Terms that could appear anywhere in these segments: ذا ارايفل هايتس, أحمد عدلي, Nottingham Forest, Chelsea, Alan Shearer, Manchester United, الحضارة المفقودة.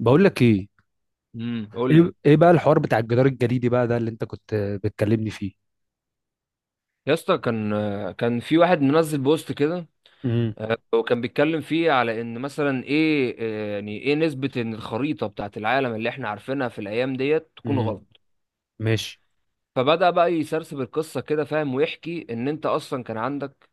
بقول لك ايه. قول لي إيه بقى الحوار بتاع الجدار الجليدي بقى ده اللي انت كنت بتكلمني فيه. يا اسطى. كان في واحد منزل بوست كده. امم وكان بيتكلم فيه على ان مثلا ايه، يعني ايه نسبة ان الخريطة بتاعت العالم اللي احنا عارفينها في الايام ديت تكون امم غلط. ماشي. فبدأ بقى يسرسب القصة كده، فاهم، ويحكي ان انت اصلا كان عندك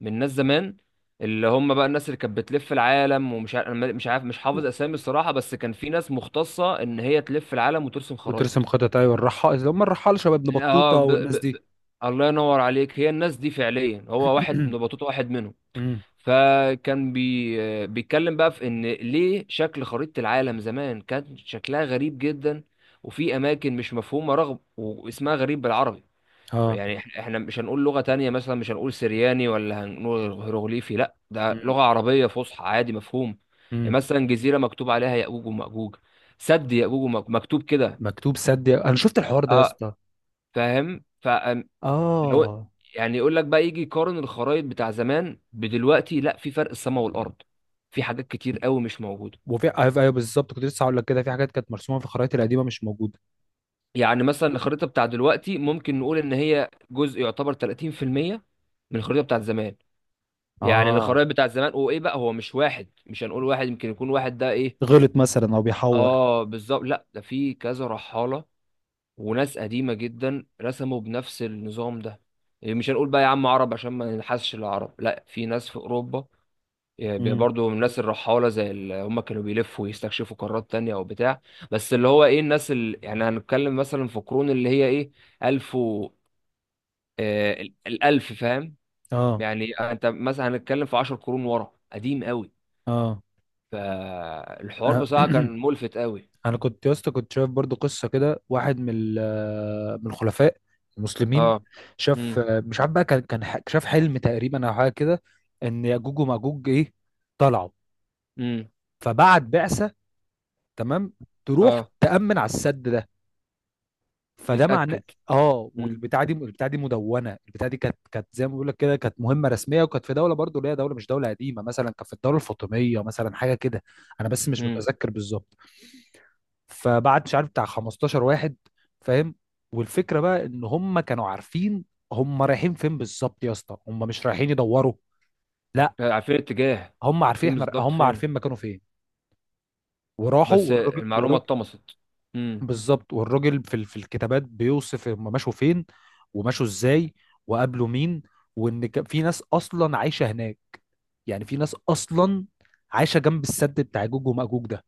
من ناس زمان اللي هم بقى الناس اللي كانت بتلف العالم، ومش عارف مش عارف مش حافظ اسامي الصراحة، بس كان في ناس مختصة ان هي تلف العالم وترسم وترسم خرايط. خطط، ايوه الرحال، اللي هم الرحال شباب ابن اه. بطوطه والناس دي. الله ينور عليك. هي الناس دي فعليا، هو واحد من بطوطة، واحد منهم. امم فكان بيتكلم بقى في ان ليه شكل خريطة العالم زمان كان شكلها غريب جدا، وفي اماكن مش مفهومة رغم واسمها غريب بالعربي. اه. يعني احنا مش هنقول لغة تانية، مثلا مش هنقول سرياني ولا هنقول هيروغليفي، لا ده امم لغة عربية فصحى عادي مفهوم. يعني امم مثلا جزيرة مكتوب عليها يأجوج ومأجوج. سد يأجوج ومأجوج مكتوب كده. مكتوب سد، انا شفت الحوار ده يا اه. اسطى. فاهم. لو اه. يعني يقول لك بقى يجي يقارن الخرايط بتاع زمان بدلوقتي، لا في فرق السماء والارض، في حاجات كتير قوي مش موجوده. وفي، ايوه أيوة بالظبط، كنت لسه هقول لك كده في حاجات كانت مرسومه في الخرائط القديمه مش موجوده. يعني مثلا الخريطه بتاع دلوقتي ممكن نقول ان هي جزء يعتبر 30% من الخريطه بتاع زمان. يعني اه، الخرائط بتاع زمان، وايه بقى، هو مش واحد، مش هنقول واحد يمكن يكون واحد ده ايه. غلط مثلا او بيحور. اه بالظبط. لا ده في كذا رحاله وناس قديمه جدا رسموا بنفس النظام ده. إيه، مش هنقول بقى يا عم عرب عشان ما ننحسش العرب، لا في ناس في اوروبا. يبقى امم برضو من الناس الرحالة زي اللي هم كانوا بيلفوا ويستكشفوا قارات تانية أو بتاع. بس اللي هو إيه الناس اللي يعني هنتكلم مثلا في قرون اللي هي إيه، ألف و الألف، فاهم. اه. يعني أنت مثلا هنتكلم في 10 قرون ورا، قديم قوي. اه. فالحوار آه. بصراحة كان ملفت قوي. انا كنت يا اسطى، كنت شايف برضو قصه كده، واحد من الخلفاء المسلمين اه. شاف، امم. مش عارف بقى، كان شاف حلم تقريبا او حاجه كده، ان ياجوج وماجوج ايه، طلعوا. امم. فبعت بعثه، تمام، تروح اه. تامن على السد ده. فده معناه، يتأكد. اه. امم. والبتاعه دي مدونه، البتاعه دي كانت زي ما بيقول لك كده، كانت مهمه رسميه، وكانت في دوله برضو اللي هي دوله، مش دوله قديمه مثلا، كانت في الدوله الفاطميه مثلا، حاجه كده. انا بس مش امم. متذكر بالظبط. فبعت مش عارف بتاع 15 واحد، فاهم. والفكره بقى ان هم كانوا عارفين هم رايحين فين بالظبط يا اسطى، هم مش رايحين يدوروا، لا، عارفين الاتجاه. هم عارفين، عارفين احنا بالظبط هم فين. عارفين مكانه فين. وراحوا، بس والراجل المعلومة والراجل اتطمست. امم. بالظبط. والراجل في الكتابات بيوصف هم مشوا فين، ومشوا ازاي، وقابلوا مين، وان كان في ناس اصلا عايشه هناك. يعني في ناس اصلا عايشه جنب السد بتاع جوج وماجوج ده،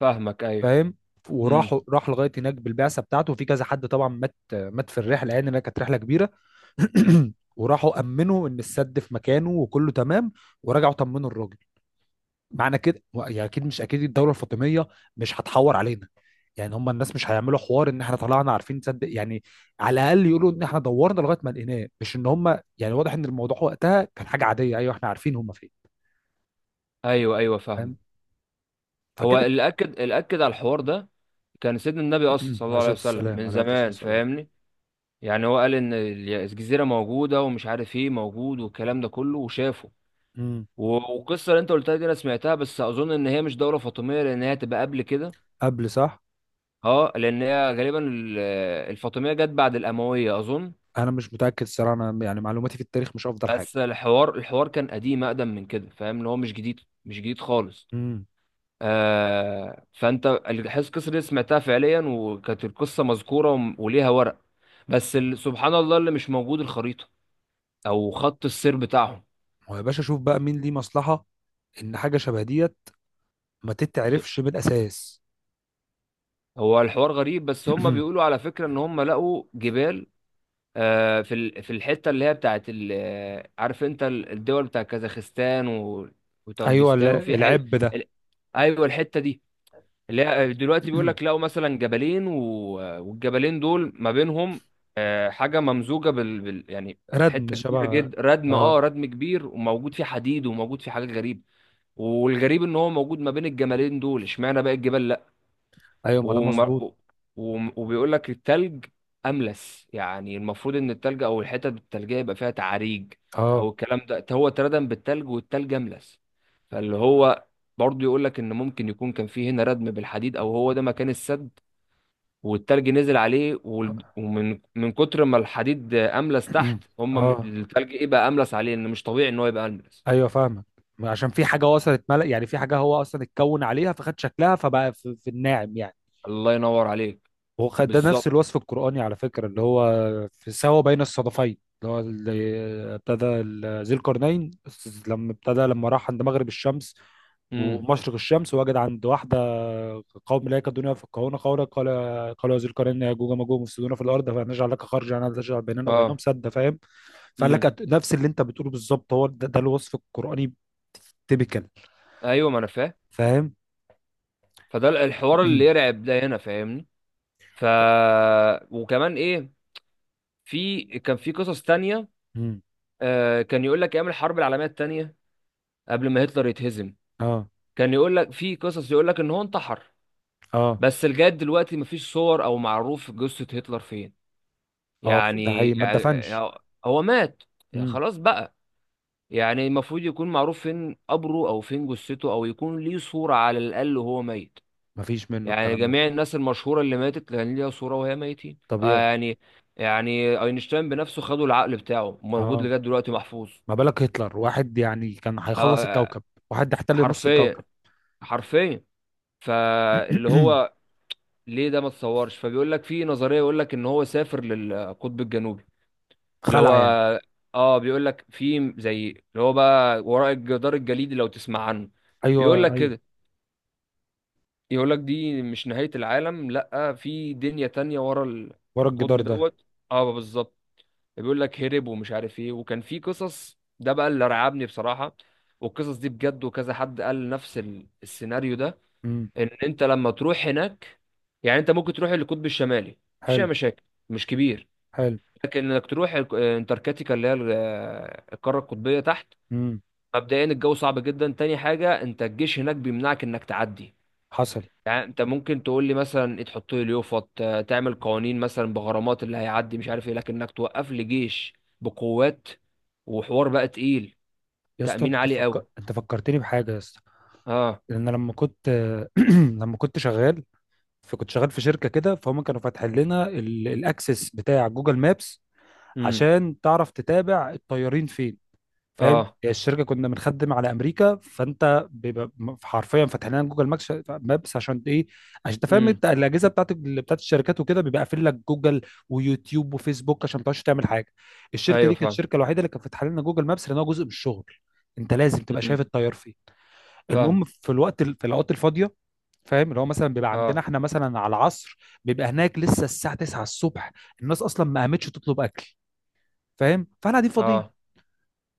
فاهمك أيوه. فاهم. امم. وراح، راح لغايه هناك بالبعثه بتاعته، وفي كذا حد طبعا مات، مات في الرحله، يعني لأنها كانت رحله كبيره. أكيد. وراحوا امنوا ان السد في مكانه وكله تمام. ورجعوا طمنوا الراجل. معنى كده يعني اكيد، مش اكيد الدوله الفاطميه مش هتحور علينا، يعني هم الناس مش هيعملوا حوار ان احنا طلعنا عارفين، تصدق يعني. على الاقل يقولوا ان احنا دورنا لغايه ما لقيناه، مش ان هم، يعني واضح ان الموضوع وقتها كان حاجه عاديه، ايوه احنا عارفين هم فين، ايوه ايوه فاهمك. فاهم. هو فكده. اللي اكد على الحوار ده كان سيدنا النبي اصلا صلى عليه الله عليه الصلاه وسلم والسلام، من عليه افضل الصلاه زمان، والسلام. فاهمني. يعني هو قال ان الجزيره موجوده، ومش عارف ايه موجود والكلام ده كله، وشافه. أمم. و- والقصه اللي انت قلتها دي انا سمعتها، بس اظن ان هي مش دوله فاطميه لان هي هتبقى قبل كده. قبل، صح. اه. لان هي غالبا الفاطميه جت بعد الامويه اظن. انا مش متاكد الصراحه، انا يعني معلوماتي في التاريخ مش افضل حاجه. بس الحوار كان قديم، اقدم من كده، فاهم، اللي هو مش جديد. مش جديد خالص. امم. فانت الحس القصه دي سمعتها فعليا، وكانت القصه مذكوره وليها ورق. بس سبحان الله، اللي مش موجود الخريطه، او خط السير بتاعهم. هو يا باشا شوف بقى مين ليه مصلحه ان حاجه شبه ديت ما ت- تتعرفش من الاساس. هو الحوار غريب، بس هم بيقولوا على فكره ان هم لقوا جبال. في في الحته اللي هي بتاعت عارف انت الدول بتاع كازاخستان ايوه وطنجستان، وفي العب ده. ال- ايوه الحته دي. اللي هي دلوقتي بيقول لك لقوا مثلا جبلين والجبلين دول ما بينهم حاجه ممزوجه يعني ردم حته كبيره شبه. جدا، ردم، اه اه، ردم كبير، وموجود فيه حديد، وموجود فيه حاجات غريبه. والغريب ان هو موجود ما بين الجبلين دول، اشمعنى بقى الجبال. ايوه ما ده وم... مظبوط. وبيقول لك التلج املس، يعني المفروض ان التلج او الحتت التلجيه يبقى فيها تعاريج. او اه. الكلام ده، هو اتردم بالتلج والتلج املس، فاللي هو برضه يقول لك ان ممكن يكون كان فيه هنا ردم بالحديد، او هو ده مكان السد. والتلج نزل عليه ومن من كتر ما الحديد املس تحت هم اه، التلج ايه بقى املس عليه، ان مش طبيعي ان هو يبقى املس. ايوه فاهمك. عشان في حاجه وصلت ملأ، يعني في حاجه هو اصلا اتكون عليها فخد شكلها، فبقى في الناعم يعني. الله ينور عليك. وخد ده نفس بالظبط. الوصف القرآني على فكرة، اللي هو في سوا بين الصدفين، اللي هو اللي ذي القرنين، لما ابتدى، لما راح عند مغرب الشمس امم. ومشرق الشمس، وجد عند واحدة قوم لا يكادون يفقهون قولا. قال، قالوا يا ذي القرنين، يا جوج وماجوج مفسدون في الأرض، فنجعل لك خرجا أن تجعل بيننا وبينهم اه. سدا، فاهم. فقال لك امم. نفس اللي أنت بتقوله بالظبط، هو ده، ده الوصف القرآني. تيبيكال، ايوه ما انا فاهم. فاهم. فده الحوار اللي يرعب ده هنا، فاهمني. ف وكمان ايه، كان في قصص تانية. مم. كان يقول لك ايام الحرب العالميه التانية، قبل ما هتلر يتهزم. اه. كان يقول لك في قصص يقول لك ان هو انتحر، اه. بس لغايه دلوقتي مفيش صور او معروف جثه هتلر فين. اه، ده يعني, حقيقي ما يعني اتدفنش. هو مات، يعني خلاص بقى. يعني المفروض يكون معروف فين قبره، او فين جثته، او يكون ليه صوره على الاقل وهو ميت. مفيش منه يعني الكلام ده. جميع الناس المشهورة اللي ماتت كان ليها صورة وهي ميتين، طبيعي. يعني. يعني اينشتاين بنفسه، خدوا العقل بتاعه موجود اه، لغاية دلوقتي محفوظ. ما بالك هتلر، واحد يعني كان هيخلص آه الكوكب، واحد احتل نص حرفيا. الكوكب. حرفيا. فاللي هو ليه ده ما اتصورش. فبيقول لك في نظرية يقول لك ان هو سافر للقطب الجنوبي. اللي هو خلع يعني. اه بيقول لك في زي اللي هو بقى وراء الجدار الجليدي، لو تسمع عنه. ايوه يقول لك ايوه. كده. يقول لك دي مش نهاية العالم، لا في دنيا تانية ورا ورا القطب الجدار ده. دوت. اه بالظبط. بيقول لك هرب ومش عارف ايه، وكان في قصص، ده بقى اللي رعبني بصراحة. والقصص دي بجد، وكذا حد قال نفس السيناريو ده. امم. ان انت لما تروح هناك، يعني انت ممكن تروح القطب الشمالي، مفيش اي حلو. مشاكل، مش كبير. حلو. لكن انك تروح انتاركتيكا اللي هي القارة القطبية تحت. امم. مبدئيا الجو صعب جدا، تاني حاجة، انت الجيش هناك بيمنعك انك تعدي. حصل. يعني انت ممكن تقول لي مثلا ايه، تحط لي اليوفط، تعمل قوانين مثلا بغرامات اللي هيعدي مش عارف ايه، لكن انك توقف لي جيش بقوات، وحوار بقى تقيل، يا اسطى تأمين انت عالي قوي. انت فكرتني بحاجه يا اسطى. اه. لان لما كنت، لما كنت شغال، فكنت شغال في شركه كده، فهم كانوا فاتحين لنا الاكسس بتاع جوجل مابس امم. عشان تعرف تتابع الطيارين فين، فاهم. اه. الشركه كنا بنخدم على امريكا، فانت بيبقى حرفيا فاتح لنا جوجل ماكس مابس، عشان ايه؟ عشان انت فاهم، امم. انت الاجهزه بتاعت بتاعت الشركات وكده بيبقى قافل لك جوجل ويوتيوب وفيسبوك عشان ما تقعدش تعمل حاجه. الشركه ايوه دي كانت فاهم. الشركه الوحيده اللي كانت فاتحه لنا جوجل مابس، لان هو جزء من الشغل. انت لازم تبقى شايف امم. التيار فيه. فاهم. المهم، في الوقت في الاوقات الفاضيه، فاهم، اللي هو مثلا بيبقى عندنا اه. احنا مثلا على العصر، بيبقى هناك لسه الساعه 9 الصبح، الناس اصلا ما قامتش تطلب اكل، فاهم، فاحنا قاعدين فاضيين. اه.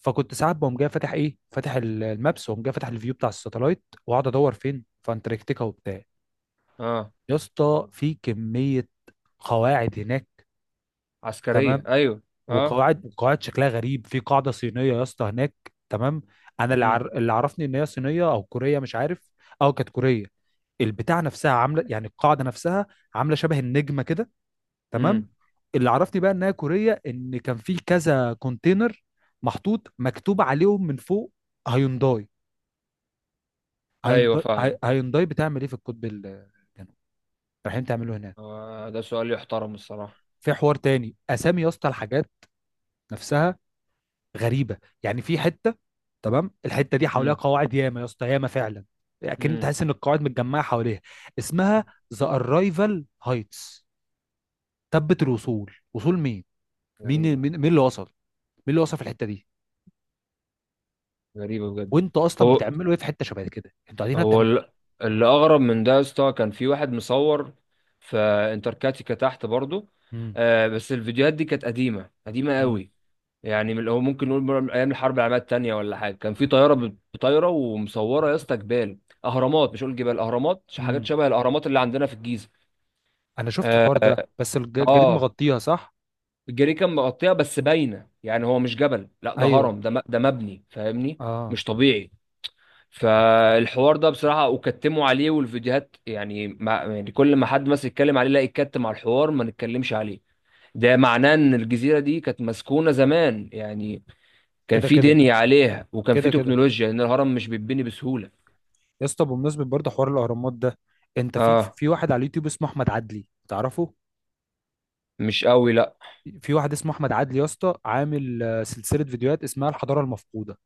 فكنت ساعات بقوم جاي فاتح ايه، فاتح المابس، واقوم جاي فاتح الفيو بتاع الساتلايت، واقعد ادور فين في انتاركتيكا وبتاع. اه. يا اسطى في كميه قواعد هناك، عسكرية تمام، ايوه. اه. وقواعد شكلها غريب. في قاعده صينيه يا اسطى هناك، تمام. انا اللي، امم. اللي عرفني ان هي صينيه او كوريه مش عارف، او كانت كوريه، البتاع نفسها عامله، يعني القاعده نفسها عامله شبه النجمه كده، تمام. امم. اللي عرفني بقى انها كوريه، ان كان في كذا كونتينر محطوط مكتوب عليهم من فوق هيونداي. ايوه هيونداي، فاهم. هيونداي بتعمل ايه في القطب الجنوبي؟ رايحين تعملوا هناك. ده سؤال يحترم الصراحة. في حوار تاني، اسامي يا اسطى الحاجات نفسها غريبه. يعني في حته، تمام، الحته دي حواليها امم. قواعد، ياما يا اسطى، ياما فعلا. لكن امم. تحس ان القواعد متجمعه حواليها. اسمها ذا ارايفل هايتس، تبت الوصول، وصول مين؟ مين مين غريبة. مين اللي وصل؟ مين اللي وصل في الحته دي؟ غريبة بجد. وانت اصلا هو بتعملوا ايه في حته شبه كده، انتوا قاعدين هنا هو بتعملوا. ال- اللي اغرب من ده يا اسطى، كان في واحد مصور في انتركاتيكا تحت برضه. امم بس الفيديوهات دي كانت قديمه قديمه قوي. يعني هو ممكن نقول من ايام الحرب العالميه الثانيه ولا حاجه، كان في طياره طايره ومصوره يا اسطى جبال. اهرامات، مش اقول جبال، اهرامات، حاجات امم شبه الاهرامات اللي عندنا في الجيزه. انا شفت الحوار ده بس الجريد اه. مغطيها، صح. الجري كان مغطيها بس باينه، يعني هو مش جبل، لا ده ايوه. هرم، ده مبني فاهمني. مش اه. طبيعي. فالحوار ده بصراحة وكتموا عليه والفيديوهات يعني, ما يعني كل ما حد مثلا يتكلم عليه لا يتكتم على الحوار، ما نتكلمش عليه. ده معناه ان الجزيرة دي كانت مسكونة زمان، يعني كان كده في كده. دنيا عليها، وكان في كده كده تكنولوجيا لان الهرم مش بيتبني بسهولة. يا اسطى. بمناسبة برضه حوار الأهرامات ده، أنت في اه، في واحد على اليوتيوب اسمه أحمد عدلي، تعرفه؟ مش قوي لا. في واحد اسمه أحمد عدلي يا اسطى، عامل سلسلة فيديوهات اسمها الحضارة المفقودة،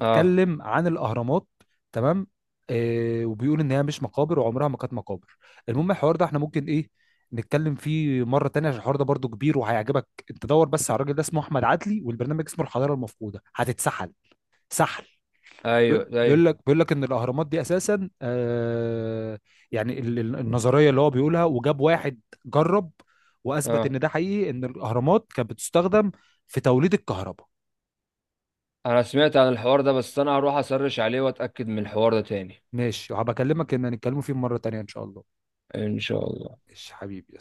اه. عن الأهرامات، تمام. آه، وبيقول إن هي مش مقابر، وعمرها ما كانت مقابر. المهم الحوار ده احنا ممكن إيه، نتكلم فيه مرة تانية، عشان الحوار ده برضه كبير وهيعجبك. أنت دور بس على الراجل ده، اسمه أحمد عدلي، والبرنامج اسمه الحضارة المفقودة. هتتسحل سحل. ايوه بيقول ايوه. بيقول لك بيقول لك ان الاهرامات دي اساسا آه، يعني النظريه اللي هو بيقولها، وجاب واحد جرب واثبت اه ان ده حقيقي، ان الاهرامات كانت بتستخدم في توليد الكهرباء. انا سمعت عن الحوار ده، بس انا هروح اسرش عليه واتأكد من الحوار ده تاني. ماشي، وهبكلمك ان هنتكلموا فيه مره تانيه ان شاء الله. ان شاء الله. ماشي حبيبي.